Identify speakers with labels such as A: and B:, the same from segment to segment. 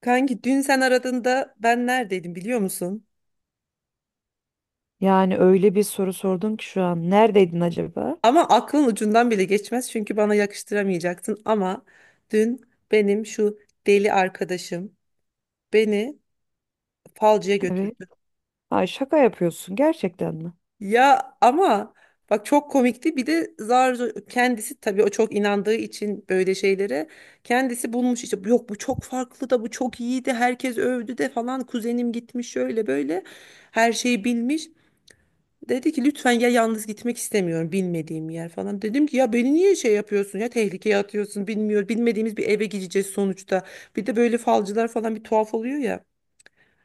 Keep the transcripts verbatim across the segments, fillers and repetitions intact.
A: Kanki dün sen aradığında ben neredeydim biliyor musun?
B: Yani öyle bir soru sordun ki şu an. Neredeydin acaba?
A: Ama aklın ucundan bile geçmez çünkü bana yakıştıramayacaksın, ama dün benim şu deli arkadaşım beni falcıya
B: Evet.
A: götürdü.
B: Ay şaka yapıyorsun gerçekten mi?
A: Ya ama bak, çok komikti. Bir de zar zor, kendisi tabii o çok inandığı için böyle şeylere, kendisi bulmuş işte, yok bu çok farklı da, bu çok iyiydi herkes övdü de falan, kuzenim gitmiş şöyle böyle, her şeyi bilmiş. Dedi ki lütfen ya, yalnız gitmek istemiyorum, bilmediğim yer falan. Dedim ki ya beni niye şey yapıyorsun ya, tehlikeye atıyorsun, bilmiyor bilmediğimiz bir eve gideceğiz sonuçta. Bir de böyle falcılar falan bir tuhaf oluyor ya.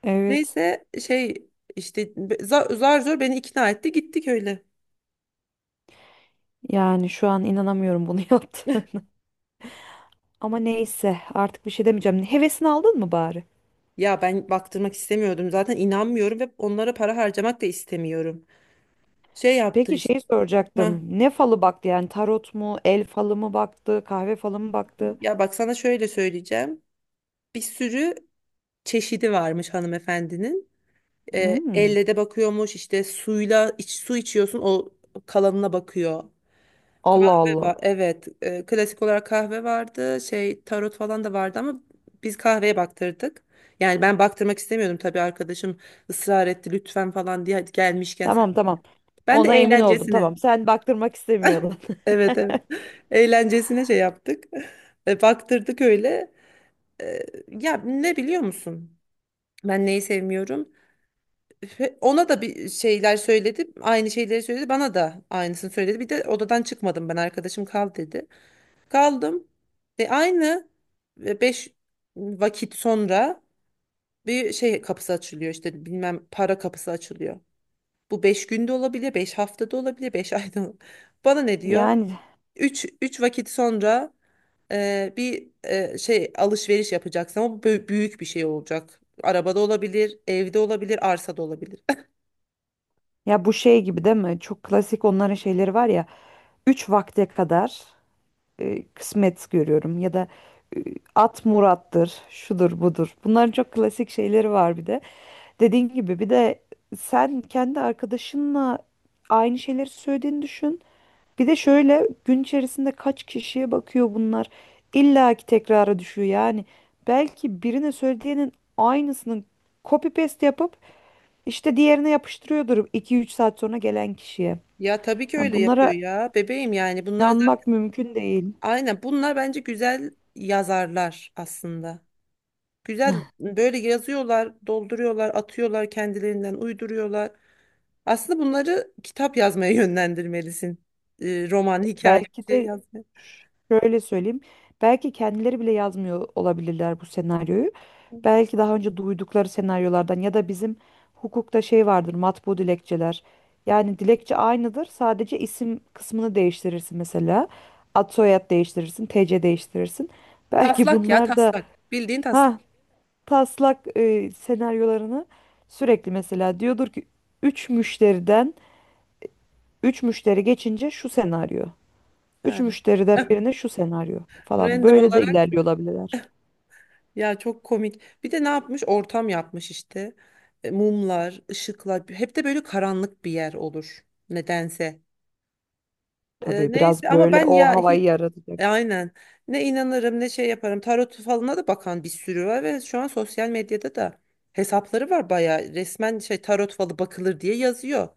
B: Evet.
A: Neyse şey, işte be- za- zar zor beni ikna etti, gittik öyle.
B: Yani şu an inanamıyorum bunu yaptı. Ama neyse artık bir şey demeyeceğim. Hevesini aldın mı bari?
A: Ya ben baktırmak istemiyordum zaten, inanmıyorum ve onlara para harcamak da istemiyorum. Şey yaptı
B: Peki
A: işte.
B: şeyi
A: Ha,
B: soracaktım. Ne falı baktı yani tarot mu, el falı mı baktı, kahve falı mı baktı?
A: ya bak, sana şöyle söyleyeceğim. Bir sürü çeşidi varmış hanımefendinin. E,
B: Hmm.
A: elle de bakıyormuş, işte suyla iç, su içiyorsun, o kalanına bakıyor.
B: Allah
A: Kahve
B: Allah.
A: var, evet. E, klasik olarak kahve vardı, şey tarot falan da vardı ama biz kahveye baktırdık. Yani ben baktırmak istemiyordum tabii, arkadaşım ısrar etti lütfen falan diye, hadi gelmişken sen.
B: Tamam tamam.
A: Ben de
B: Ona emin oldum.
A: eğlencesine
B: Tamam sen baktırmak istemiyordun.
A: evet, evet, eğlencesine şey yaptık. E, baktırdık öyle. E, ya ne biliyor musun? Ben neyi sevmiyorum? Ve ona da bir şeyler söyledi. Aynı şeyleri söyledi. Bana da aynısını söyledi. Bir de odadan çıkmadım ben. Arkadaşım kal dedi. Kaldım. E, aynı e, beş vakit sonra bir şey kapısı açılıyor, işte bilmem para kapısı açılıyor. Bu beş günde olabilir, beş haftada olabilir, beş ayda olabilir. Bana ne diyor?
B: Yani
A: Üç üç vakit sonra, ee, bir e, şey alışveriş yapacaksın ama bu bö- büyük bir şey olacak. Arabada olabilir, evde olabilir, arsada olabilir.
B: ya bu şey gibi değil mi? Çok klasik onların şeyleri var ya. Üç vakte kadar. E, kısmet görüyorum ya da e, at murattır, şudur budur. Bunların çok klasik şeyleri var bir de. Dediğin gibi bir de sen kendi arkadaşınla aynı şeyleri söylediğini düşün. Bir de şöyle gün içerisinde kaç kişiye bakıyor bunlar. İlla ki tekrara düşüyor yani. Belki birine söylediğinin aynısını copy paste yapıp işte diğerine yapıştırıyordur iki üç saat sonra gelen kişiye.
A: Ya tabii ki
B: Yani
A: öyle yapıyor
B: bunlara
A: ya bebeğim. Yani bunlar zaten,
B: inanmak mümkün değil.
A: aynen, bunlar bence güzel yazarlar aslında. Güzel böyle yazıyorlar, dolduruyorlar, atıyorlar kendilerinden, uyduruyorlar. Aslında bunları kitap yazmaya yönlendirmelisin. Ee, roman, hikaye,
B: Belki
A: bir şey
B: de
A: yazmaya.
B: şöyle söyleyeyim. Belki kendileri bile yazmıyor olabilirler bu senaryoyu. Belki daha önce duydukları senaryolardan ya da bizim hukukta şey vardır matbu dilekçeler. Yani dilekçe aynıdır. Sadece isim kısmını değiştirirsin mesela. Ad soyad değiştirirsin, T C değiştirirsin. Belki
A: Taslak ya,
B: bunlar da
A: taslak. Bildiğin taslak.
B: ha taslak e, senaryolarını sürekli mesela diyordur ki üç müşteriden üç müşteri geçince şu senaryo. Üç
A: Yani.
B: müşteriden birine şu senaryo falan.
A: Random
B: Böyle de
A: olarak,
B: ilerliyor olabilirler.
A: ya çok komik. Bir de ne yapmış? Ortam yapmış işte. E, Mumlar, ışıklar. Hep de böyle karanlık bir yer olur nedense. E,
B: Tabii
A: neyse
B: biraz
A: ama
B: böyle
A: ben
B: o
A: ya hiç
B: havayı yaratacak.
A: e, aynen ne inanırım ne şey yaparım. Tarot falına da bakan bir sürü var ve şu an sosyal medyada da hesapları var, bayağı resmen şey, tarot falı bakılır diye yazıyor.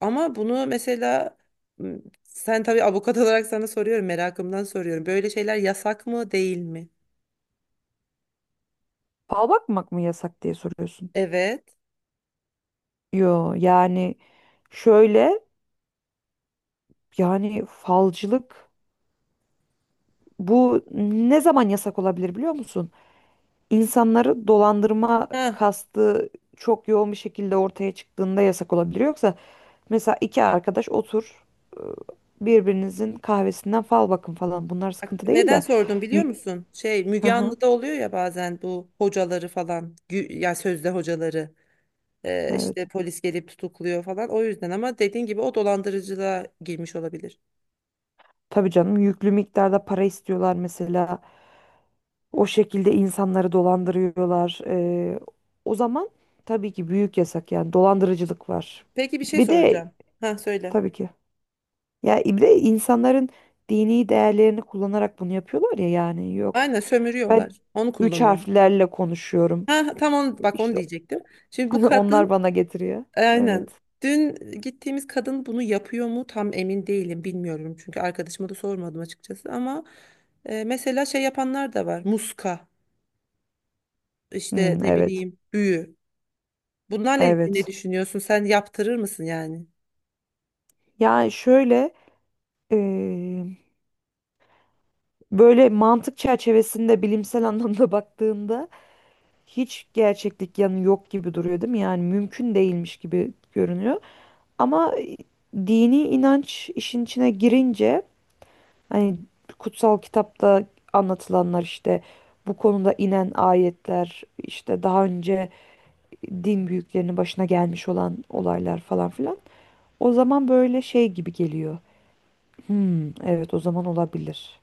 A: Ama bunu mesela, m, sen tabii avukat olarak, sana soruyorum, merakımdan soruyorum, böyle şeyler yasak mı değil mi?
B: Fal bakmak mı yasak diye soruyorsun.
A: Evet.
B: Yo yani şöyle, yani falcılık bu ne zaman yasak olabilir biliyor musun? İnsanları dolandırma
A: Ha,
B: kastı çok yoğun bir şekilde ortaya çıktığında yasak olabilir. Yoksa mesela iki arkadaş otur, ıı, birbirinizin kahvesinden fal bakın falan bunlar sıkıntı değil
A: neden
B: de.
A: sordum biliyor
B: M-
A: musun? Şey,
B: Hı
A: Müge
B: hı,
A: Anlı'da oluyor ya bazen bu hocaları falan, gü- ya sözde hocaları. Ee, işte
B: evet.
A: polis gelip tutukluyor falan. O yüzden, ama dediğin gibi o dolandırıcılığa girmiş olabilir.
B: Tabii canım yüklü miktarda para istiyorlar mesela. O şekilde insanları dolandırıyorlar. Ee, o zaman tabii ki büyük yasak yani dolandırıcılık var.
A: Peki bir şey
B: Bir de
A: soracağım. Ha, söyle.
B: tabii ki. Ya bir de insanların dini değerlerini kullanarak bunu yapıyorlar ya yani yok.
A: Aynen
B: Ben
A: sömürüyorlar. Onu
B: üç
A: kullanıyor.
B: harflerle konuşuyorum.
A: Ha, tam onu, bak, onu
B: İşte
A: diyecektim. Şimdi bu
B: onlar
A: kadın,
B: bana getiriyor. Evet.
A: aynen, dün gittiğimiz kadın bunu yapıyor mu tam emin değilim, bilmiyorum. Çünkü arkadaşıma da sormadım açıkçası, ama e, mesela şey yapanlar da var. Muska, işte
B: Hmm,
A: ne
B: evet.
A: bileyim, büyü. Bunlarla ilgili ne
B: Evet.
A: düşünüyorsun? Sen yaptırır mısın yani?
B: Yani şöyle, böyle mantık çerçevesinde bilimsel anlamda baktığında hiç gerçeklik yanı yok gibi duruyor değil mi? Yani mümkün değilmiş gibi görünüyor. Ama e, dini inanç işin içine girince hani kutsal kitapta anlatılanlar işte bu konuda inen ayetler işte daha önce din büyüklerinin başına gelmiş olan olaylar falan filan. O zaman böyle şey gibi geliyor. Hmm, evet o zaman olabilir.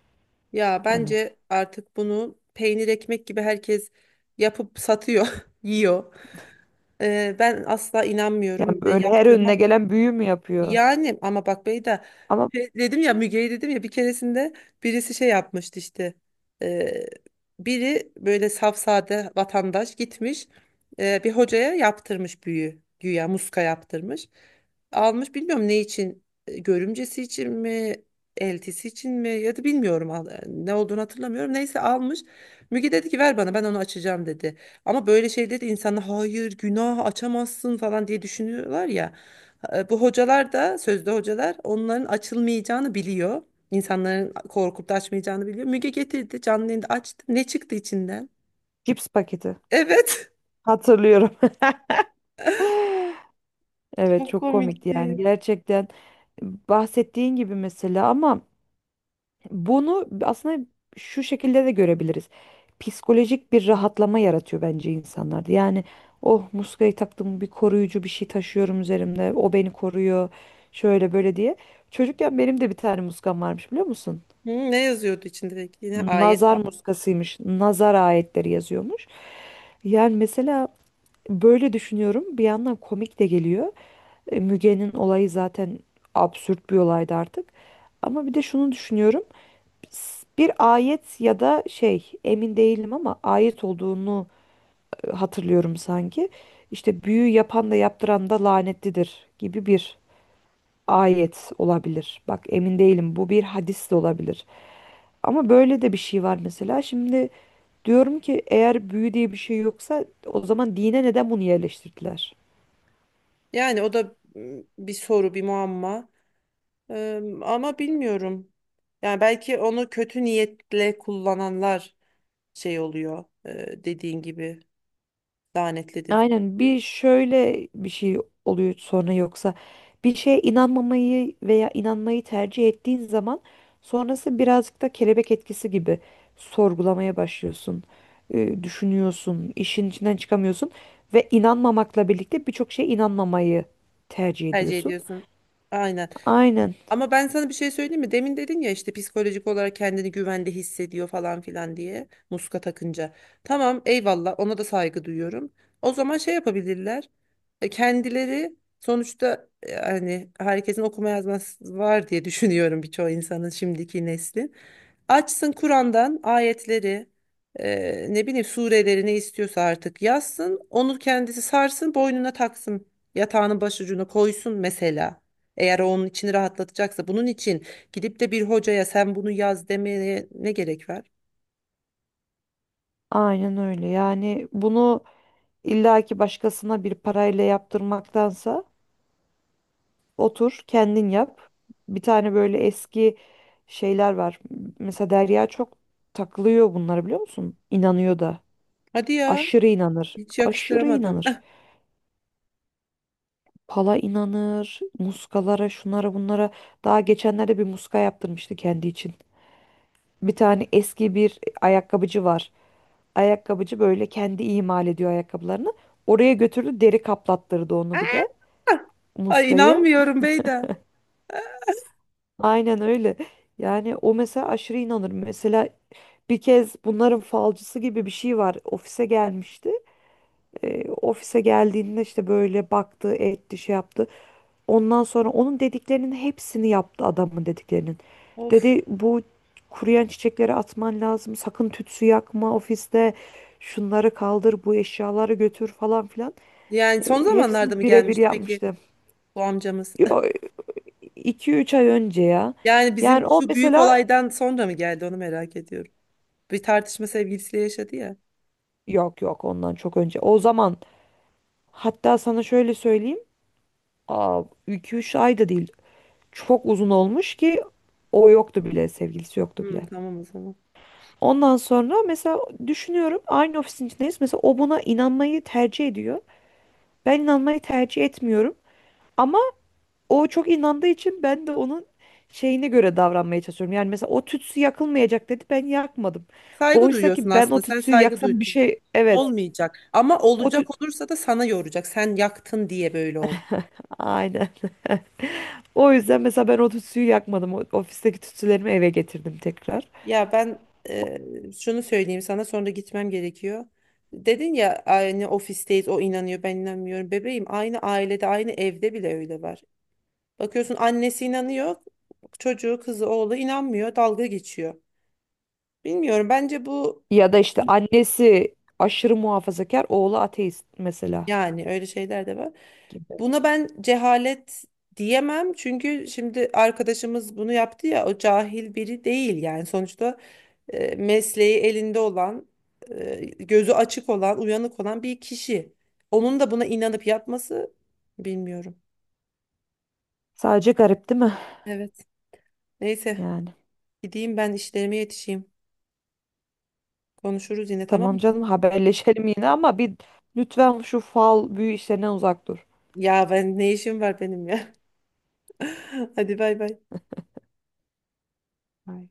A: Ya
B: Hani
A: bence artık bunu peynir ekmek gibi herkes yapıp satıyor, yiyor. Ee, ben asla inanmıyorum
B: yani
A: ve
B: böyle her önüne
A: yaptırmam da.
B: gelen büyü mü yapıyor?
A: Yani ama bak Beyda,
B: Ama
A: şey dedim ya, Müge'yi dedim ya, bir keresinde birisi şey yapmıştı işte. Ee, biri böyle safsade vatandaş gitmiş e, bir hocaya, yaptırmış büyü, güya muska yaptırmış, almış, bilmiyorum ne için, e, görümcesi için mi, eltisi için mi, ya da bilmiyorum, al- ne olduğunu hatırlamıyorum, neyse almış. Müge dedi ki ver bana, ben onu açacağım dedi. Ama böyle şey dedi, insanlar hayır günah, açamazsın falan diye düşünüyorlar ya. e, Bu hocalar da, sözde hocalar, onların açılmayacağını biliyor. İnsanların korkup da açmayacağını biliyor. Müge getirdi, canlı yayında açtı. Ne çıktı içinden?
B: cips paketi.
A: Evet.
B: Hatırlıyorum. Evet
A: Çok
B: çok komikti yani
A: komikti.
B: gerçekten bahsettiğin gibi mesela ama bunu aslında şu şekilde de görebiliriz. Psikolojik bir rahatlama yaratıyor bence insanlarda. Yani oh muskayı taktım, bir koruyucu bir şey taşıyorum üzerimde. O beni koruyor. Şöyle böyle diye. Çocukken benim de bir tane muskam varmış biliyor musun?
A: Hı, ne yazıyordu içinde peki? Yine ayet
B: Nazar
A: falan.
B: muskasıymış. Nazar ayetleri yazıyormuş. Yani mesela böyle düşünüyorum. Bir yandan komik de geliyor. E, Müge'nin olayı zaten absürt bir olaydı artık. Ama bir de şunu düşünüyorum. S- Bir ayet ya da şey emin değilim ama ayet olduğunu e, hatırlıyorum sanki. İşte büyü yapan da yaptıran da lanetlidir gibi bir ayet olabilir. Bak emin değilim bu bir hadis de olabilir. Ama böyle de bir şey var mesela. Şimdi diyorum ki eğer büyü diye bir şey yoksa o zaman dine neden bunu yerleştirdiler?
A: Yani o da, m, bir soru, bir muamma. Eee, ama bilmiyorum. Yani belki onu kötü niyetle kullananlar şey oluyor. eee, dediğin gibi lanetlidir falan
B: Aynen
A: diyor.
B: bir şöyle bir şey oluyor sonra, yoksa bir şeye inanmamayı veya inanmayı tercih ettiğin zaman sonrası birazcık da kelebek etkisi gibi sorgulamaya başlıyorsun, e, düşünüyorsun, işin içinden çıkamıyorsun ve inanmamakla birlikte birçok şeye inanmamayı tercih
A: Tercih
B: ediyorsun.
A: ediyorsun. Aynen.
B: Aynen,
A: Ama ben sana bir şey söyleyeyim mi? Demin dedin ya, işte psikolojik olarak kendini güvende hissediyor falan filan diye muska takınca. Tamam, eyvallah, ona da saygı duyuyorum. O zaman şey yapabilirler. E, Kendileri sonuçta, e, hani herkesin okuma yazması var diye düşünüyorum, birçok insanın, şimdiki neslin. Açsın Kur'an'dan ayetleri, e, ne bileyim, sureleri, ne istiyorsa artık yazsın. Onu kendisi sarsın, boynuna taksın. Yatağının başucuna koysun mesela. Eğer o onun içini rahatlatacaksa, bunun için gidip de bir hocaya sen bunu yaz demeye ne gerek var?
B: aynen öyle. Yani bunu illaki başkasına bir parayla yaptırmaktansa otur, kendin yap. Bir tane böyle eski şeyler var. Mesela Derya çok takılıyor bunlara biliyor musun? İnanıyor da.
A: Hadi ya,
B: Aşırı inanır.
A: hiç
B: Aşırı
A: yakıştıramadım.
B: inanır. Pala inanır, muskalara, şunlara, bunlara. Daha geçenlerde bir muska yaptırmıştı kendi için. Bir tane eski bir ayakkabıcı var. Ayakkabıcı böyle kendi imal ediyor ayakkabılarını. Oraya götürdü, deri kaplattırdı onu bir de
A: Ay,
B: muskayı.
A: inanmıyorum Beyda.
B: Aynen öyle. Yani o mesela aşırı inanır. Mesela bir kez bunların falcısı gibi bir şey var. Ofise gelmişti. Ee, ofise geldiğinde işte böyle baktı, etti, şey yaptı. Ondan sonra onun dediklerinin hepsini yaptı, adamın dediklerinin.
A: Of.
B: Dedi bu kuruyan çiçekleri atman lazım. Sakın tütsü yakma ofiste. Şunları kaldır, bu eşyaları götür falan filan.
A: Yani son
B: Ee,
A: zamanlarda mı
B: hepsini birebir
A: gelmişti peki
B: yapmıştı.
A: bu amcamız?
B: Yo, iki üç ay önce ya.
A: Yani bizim
B: Yani o
A: şu büyük
B: mesela
A: olaydan sonra mı geldi, onu merak ediyorum. Bir tartışma sevgilisiyle yaşadı ya.
B: yok yok ondan çok önce. O zaman hatta sana şöyle söyleyeyim. Aa, iki üç ay da değil. Çok uzun olmuş ki o yoktu bile, sevgilisi yoktu
A: Hı,
B: bile.
A: tamam o zaman.
B: Ondan sonra mesela düşünüyorum aynı ofisin içindeyiz. Mesela o buna inanmayı tercih ediyor. Ben inanmayı tercih etmiyorum. Ama o çok inandığı için ben de onun şeyine göre davranmaya çalışıyorum. Yani mesela o tütsü yakılmayacak dedi, ben yakmadım.
A: Saygı
B: Oysa
A: duyuyorsun
B: ki ben o
A: aslında. Sen
B: tütsüyü
A: saygı
B: yaksam bir
A: duydun.
B: şey, evet.
A: Olmayacak. Ama
B: O
A: olacak
B: tüt...
A: olursa da sana yoracak. Sen yaktın diye böyle oldu.
B: Aynen. O yüzden mesela ben o tütsüyü yakmadım. O- Ofisteki tütsülerimi eve getirdim tekrar.
A: Ya ben, e, şunu söyleyeyim sana, sonra gitmem gerekiyor. Dedin ya, aynı ofisteyiz, o inanıyor ben inanmıyorum. Bebeğim, aynı ailede, aynı evde bile öyle var. Bakıyorsun annesi inanıyor, çocuğu, kızı, oğlu inanmıyor, dalga geçiyor. Bilmiyorum, bence bu,
B: Ya da işte annesi aşırı muhafazakar, oğlu ateist mesela
A: yani öyle şeyler de var.
B: gibi.
A: Buna ben cehalet diyemem, çünkü şimdi arkadaşımız bunu yaptı ya, o cahil biri değil yani sonuçta. E, mesleği elinde olan, e, gözü açık olan, uyanık olan bir kişi. Onun da buna inanıp yapması, bilmiyorum.
B: Sadece garip değil mi?
A: Evet. Neyse,
B: Yani.
A: gideyim ben, işlerime yetişeyim. Konuşuruz yine, tamam mı?
B: Tamam canım, haberleşelim yine ama bir, lütfen şu fal büyü işlerinden uzak dur.
A: Ya ben ne işim var benim ya. Hadi, bay bay.
B: Ay.